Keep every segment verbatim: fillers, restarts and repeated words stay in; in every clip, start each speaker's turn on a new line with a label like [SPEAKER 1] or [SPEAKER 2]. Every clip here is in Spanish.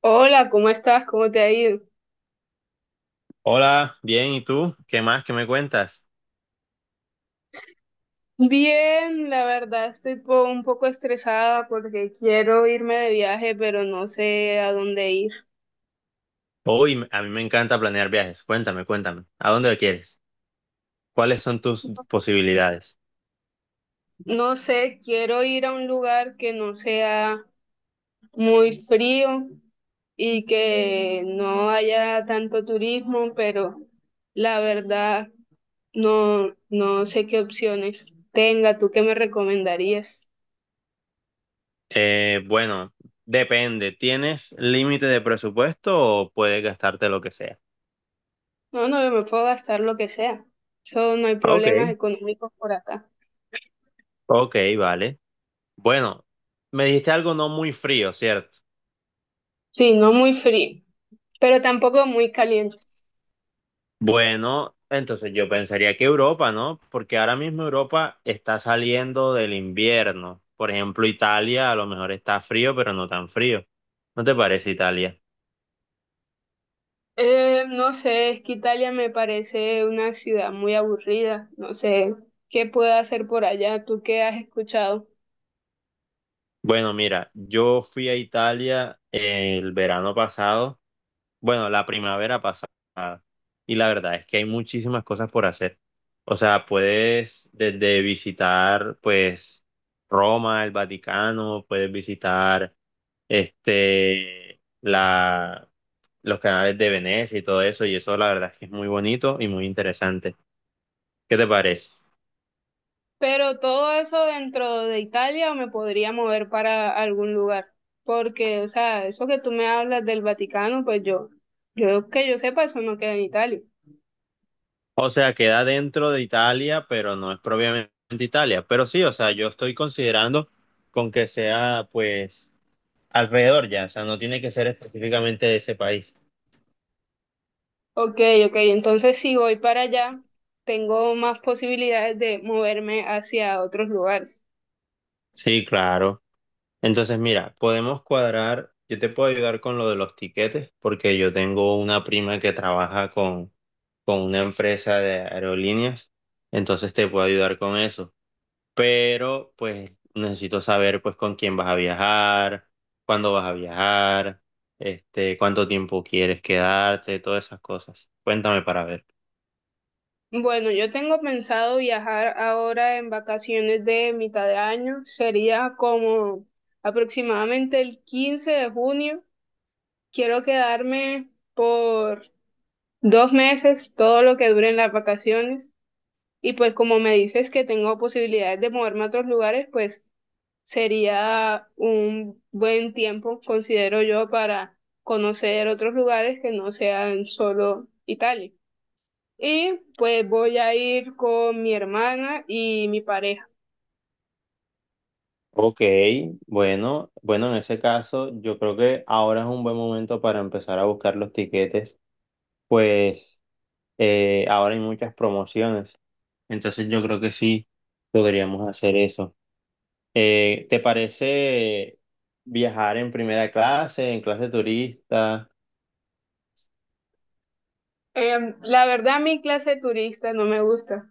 [SPEAKER 1] Hola, ¿cómo estás? ¿Cómo te ha ido?
[SPEAKER 2] Hola, bien, ¿y tú? ¿Qué más? ¿Qué me cuentas?
[SPEAKER 1] Bien, la verdad estoy po- un poco estresada porque quiero irme de viaje, pero no sé a dónde ir.
[SPEAKER 2] Hoy a mí me encanta planear viajes. Cuéntame, cuéntame. ¿A dónde quieres? ¿Cuáles son tus posibilidades?
[SPEAKER 1] No sé, quiero ir a un lugar que no sea muy frío y que no haya tanto turismo, pero la verdad no, no sé qué opciones tenga. ¿Tú qué me recomendarías?
[SPEAKER 2] Eh, bueno, depende. ¿Tienes límite de presupuesto o puedes gastarte lo que sea?
[SPEAKER 1] No, no, yo me puedo gastar lo que sea. Eso no hay problemas
[SPEAKER 2] Ok.
[SPEAKER 1] económicos por acá.
[SPEAKER 2] Ok, vale. Bueno, me dijiste algo no muy frío, ¿cierto?
[SPEAKER 1] Sí, no muy frío, pero tampoco muy caliente.
[SPEAKER 2] Bueno, entonces yo pensaría que Europa, ¿no? Porque ahora mismo Europa está saliendo del invierno. Por ejemplo, Italia a lo mejor está frío, pero no tan frío. ¿No te parece Italia?
[SPEAKER 1] Eh, no sé, es que Italia me parece una ciudad muy aburrida. No sé qué puedo hacer por allá, tú qué has escuchado.
[SPEAKER 2] Bueno, mira, yo fui a Italia el verano pasado Bueno, la primavera pasada. Y la verdad es que hay muchísimas cosas por hacer. O sea, puedes desde visitar, pues, Roma, el Vaticano, puedes visitar, este, la, los canales de Venecia y todo eso. Y eso, la verdad es que es muy bonito y muy interesante. ¿Qué te parece?
[SPEAKER 1] Pero todo eso dentro de Italia o me podría mover para algún lugar. Porque, o sea, eso que tú me hablas del Vaticano, pues yo, yo que yo sepa, eso no queda en Italia.
[SPEAKER 2] O sea, queda dentro de Italia, pero no es propiamente Italia. Pero sí, o sea, yo estoy considerando con que sea, pues alrededor ya, o sea, no tiene que ser específicamente de ese país.
[SPEAKER 1] Ok, ok, entonces si voy para allá, tengo más posibilidades de moverme hacia otros lugares.
[SPEAKER 2] Sí, claro. Entonces, mira, podemos cuadrar, yo te puedo ayudar con lo de los tiquetes, porque yo tengo una prima que trabaja con, con una empresa de aerolíneas, entonces te puedo ayudar con eso. Pero, pues, necesito saber, pues, con quién vas a viajar, cuándo vas a viajar, este, cuánto tiempo quieres quedarte, todas esas cosas. Cuéntame para ver.
[SPEAKER 1] Bueno, yo tengo pensado viajar ahora en vacaciones de mitad de año. Sería como aproximadamente el quince de junio. Quiero quedarme por dos meses, todo lo que duren las vacaciones. Y pues como me dices que tengo posibilidades de moverme a otros lugares, pues sería un buen tiempo, considero yo, para conocer otros lugares que no sean solo Italia. Y pues voy a ir con mi hermana y mi pareja.
[SPEAKER 2] Ok, bueno, bueno, en ese caso yo creo que ahora es un buen momento para empezar a buscar los tiquetes, pues eh, ahora hay muchas promociones, entonces yo creo que sí podríamos hacer eso. Eh, ¿te parece viajar en primera clase, en clase turista?
[SPEAKER 1] Em, la verdad, mi clase de turista no me gusta.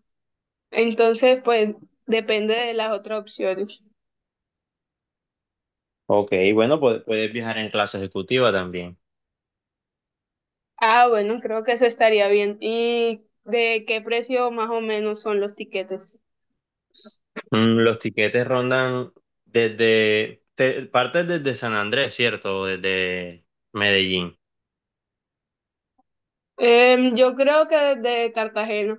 [SPEAKER 1] Entonces, pues depende de las otras opciones.
[SPEAKER 2] Ok, bueno, pu- puedes viajar en clase ejecutiva también.
[SPEAKER 1] Ah, bueno, creo que eso estaría bien. ¿Y de qué precio más o menos son los tiquetes?
[SPEAKER 2] Mm, los tiquetes rondan desde, te- partes desde San Andrés, ¿cierto? O desde Medellín.
[SPEAKER 1] Em, yo creo que de Cartagena.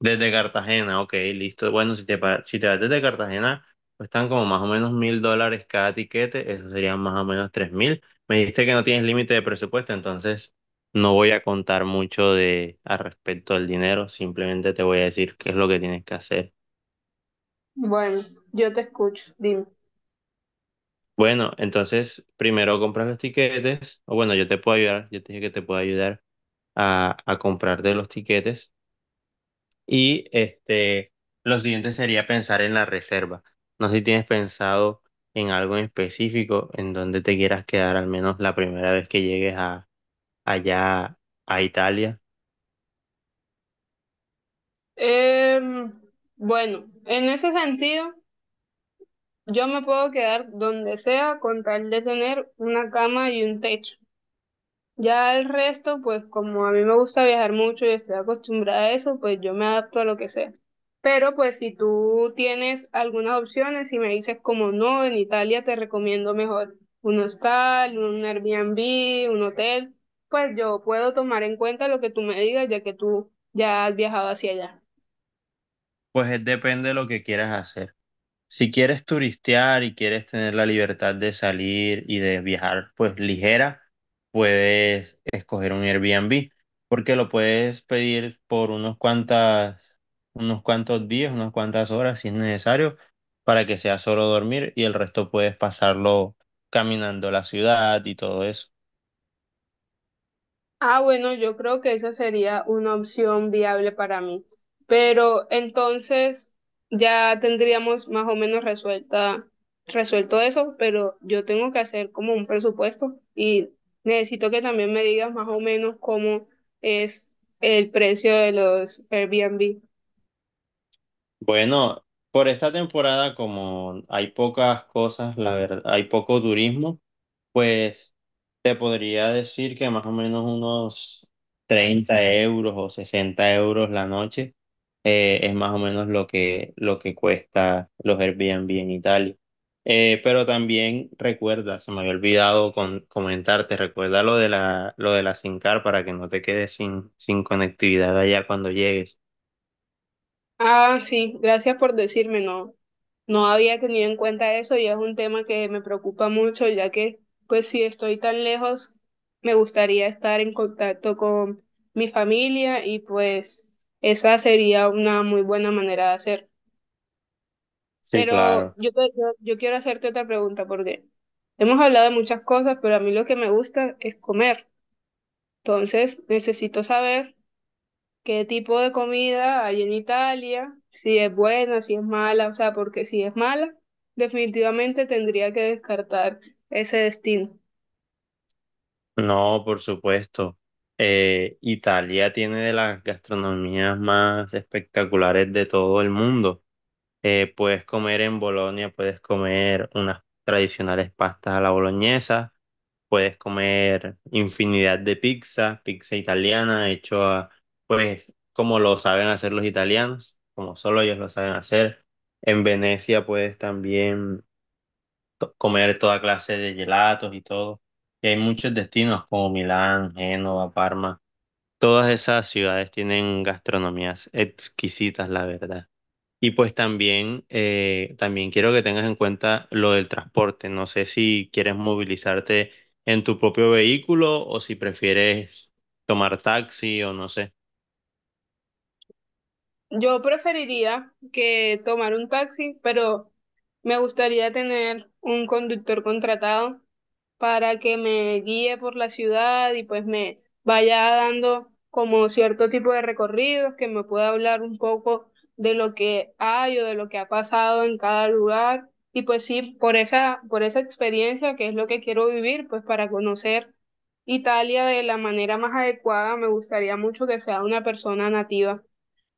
[SPEAKER 2] Desde Cartagena, ok, listo. Bueno, si te, pa- si te vas desde Cartagena, están como más o menos mil dólares cada tiquete, eso serían más o menos tres mil. Me dijiste que no tienes límite de presupuesto, entonces no voy a contar mucho de al respecto al dinero, simplemente te voy a decir qué es lo que tienes que hacer.
[SPEAKER 1] Bueno, yo te escucho, dime.
[SPEAKER 2] Bueno, entonces primero compras los tiquetes, o bueno, yo te puedo ayudar, yo te dije que te puedo ayudar a, a comprarte los tiquetes. Y este, lo siguiente sería pensar en la reserva. No sé si tienes pensado en algo en específico en donde te quieras quedar al menos la primera vez que llegues a, allá a Italia.
[SPEAKER 1] Em, bueno, en ese sentido, yo me puedo quedar donde sea con tal de tener una cama y un techo. Ya el resto, pues como a mí me gusta viajar mucho y estoy acostumbrada a eso, pues yo me adapto a lo que sea. Pero pues si tú tienes algunas opciones y me dices como no, en Italia te recomiendo mejor un hostal, un Airbnb, un hotel, pues yo puedo tomar en cuenta lo que tú me digas ya que tú ya has viajado hacia allá.
[SPEAKER 2] Pues es- depende de lo que quieras hacer. Si quieres turistear y quieres tener la libertad de salir y de viajar, pues ligera, puedes escoger un Airbnb, porque lo puedes pedir por unos cuantas, unos cuantos días, unas cuantas horas si es necesario, para que sea solo dormir y el resto puedes pasarlo caminando la ciudad y todo eso.
[SPEAKER 1] Ah, bueno, yo creo que esa sería una opción viable para mí. Pero entonces ya tendríamos más o menos resuelta, resuelto eso, pero yo tengo que hacer como un presupuesto y necesito que también me digas más o menos cómo es el precio de los Airbnb.
[SPEAKER 2] Bueno, por esta temporada, como hay pocas cosas, la verdad, hay poco turismo, pues te podría decir que más o menos unos treinta euros o sesenta euros la noche eh, es más o menos lo que, lo que cuesta los Airbnb en Italia. Eh, pero también recuerda, se me había olvidado con, comentarte, recuerda lo de la, lo de la SIM card para que no te quedes sin, sin conectividad allá cuando llegues.
[SPEAKER 1] Ah, sí, gracias por decirme, no, no había tenido en cuenta eso y es un tema que me preocupa mucho, ya que pues si estoy tan lejos, me gustaría estar en contacto con mi familia y pues esa sería una muy buena manera de hacer.
[SPEAKER 2] Sí,
[SPEAKER 1] Pero
[SPEAKER 2] claro.
[SPEAKER 1] yo, te- yo, yo quiero hacerte otra pregunta porque hemos hablado de muchas cosas, pero a mí lo que me gusta es comer. Entonces, necesito saber qué tipo de comida hay en Italia, si es buena, si es mala, o sea, porque si es mala, definitivamente tendría que descartar ese destino.
[SPEAKER 2] No, por supuesto. Eh, Italia tiene de las gastronomías más espectaculares de todo el mundo. Eh, puedes comer en Bolonia, puedes comer unas tradicionales pastas a la boloñesa, puedes comer infinidad de pizza, pizza italiana, hecho a, pues, como lo saben hacer los italianos, como solo ellos lo saben hacer. En Venecia puedes también to- comer toda clase de gelatos y todo. Y hay muchos destinos como Milán, Génova, Parma. Todas esas ciudades tienen gastronomías exquisitas, la verdad. Y pues también, eh, también quiero que tengas en cuenta lo del transporte. No sé si quieres movilizarte en tu propio vehículo o si prefieres tomar taxi o no sé.
[SPEAKER 1] Yo preferiría que tomar un taxi, pero me gustaría tener un conductor contratado para que me guíe por la ciudad y pues me vaya dando como cierto tipo de recorridos, que me pueda hablar un poco de lo que hay o de lo que ha pasado en cada lugar. Y pues sí, por esa, por esa experiencia que es lo que quiero vivir, pues para conocer Italia de la manera más adecuada, me gustaría mucho que sea una persona nativa.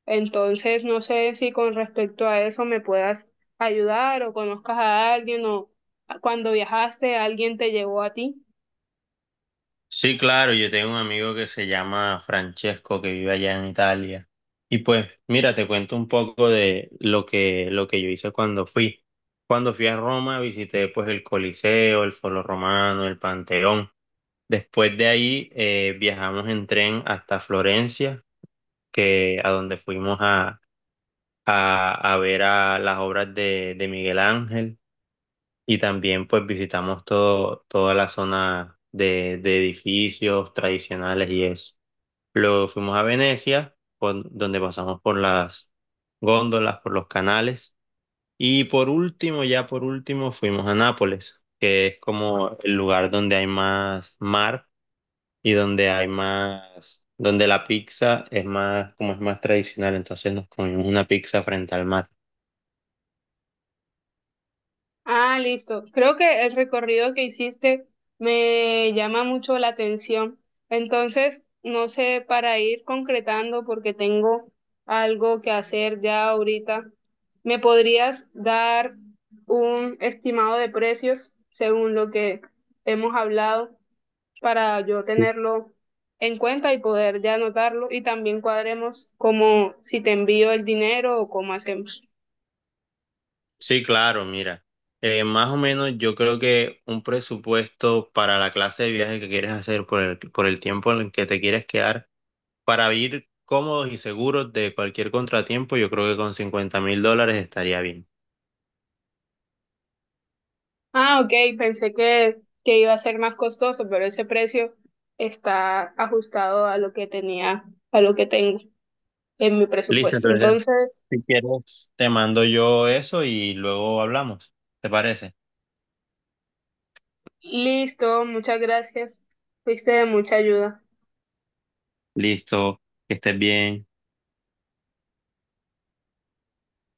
[SPEAKER 1] Entonces, no sé si con respecto a eso me puedas ayudar o conozcas a alguien o cuando viajaste alguien te llevó a ti.
[SPEAKER 2] Sí, claro, yo tengo un amigo que se llama Francesco que vive allá en Italia. Y pues, mira, te cuento un poco de lo que, lo que yo hice cuando fui. Cuando fui a Roma, visité pues el Coliseo, el Foro Romano, el Panteón. Después de ahí eh, viajamos en tren hasta Florencia, que a donde fuimos a, a, a ver a las obras de, de Miguel Ángel. Y también pues visitamos todo, toda la zona de, de edificios tradicionales y eso. Luego fuimos a Venecia, por- donde pasamos por las góndolas, por los canales. Y por último, ya por último, fuimos a Nápoles, que es como el lugar donde hay más mar y donde hay más, donde la pizza es más, como es más tradicional. Entonces nos comimos una pizza frente al mar.
[SPEAKER 1] Ah, listo. Creo que el recorrido que hiciste me llama mucho la atención. Entonces, no sé, para ir concretando, porque tengo algo que hacer ya ahorita, ¿me podrías dar un estimado de precios según lo que hemos hablado? Para yo
[SPEAKER 2] Sí,
[SPEAKER 1] tenerlo en cuenta y poder ya anotarlo y también cuadremos como si te envío el dinero o cómo hacemos.
[SPEAKER 2] sí, claro, mira. Eh, más o menos yo creo que un presupuesto para la clase de viaje que quieres hacer por el, por el tiempo en el que te quieres quedar para vivir cómodos y seguros de cualquier contratiempo, yo creo que con cincuenta mil dólares estaría bien.
[SPEAKER 1] Ah, ok, pensé que, que iba a ser más costoso, pero ese precio está ajustado a lo que tenía, a lo que tengo en mi
[SPEAKER 2] Listo,
[SPEAKER 1] presupuesto.
[SPEAKER 2] entonces
[SPEAKER 1] Entonces,
[SPEAKER 2] si quieres te mando yo eso y luego hablamos. ¿Te parece?
[SPEAKER 1] listo, muchas gracias. Fuiste de mucha ayuda.
[SPEAKER 2] Listo, que estés bien.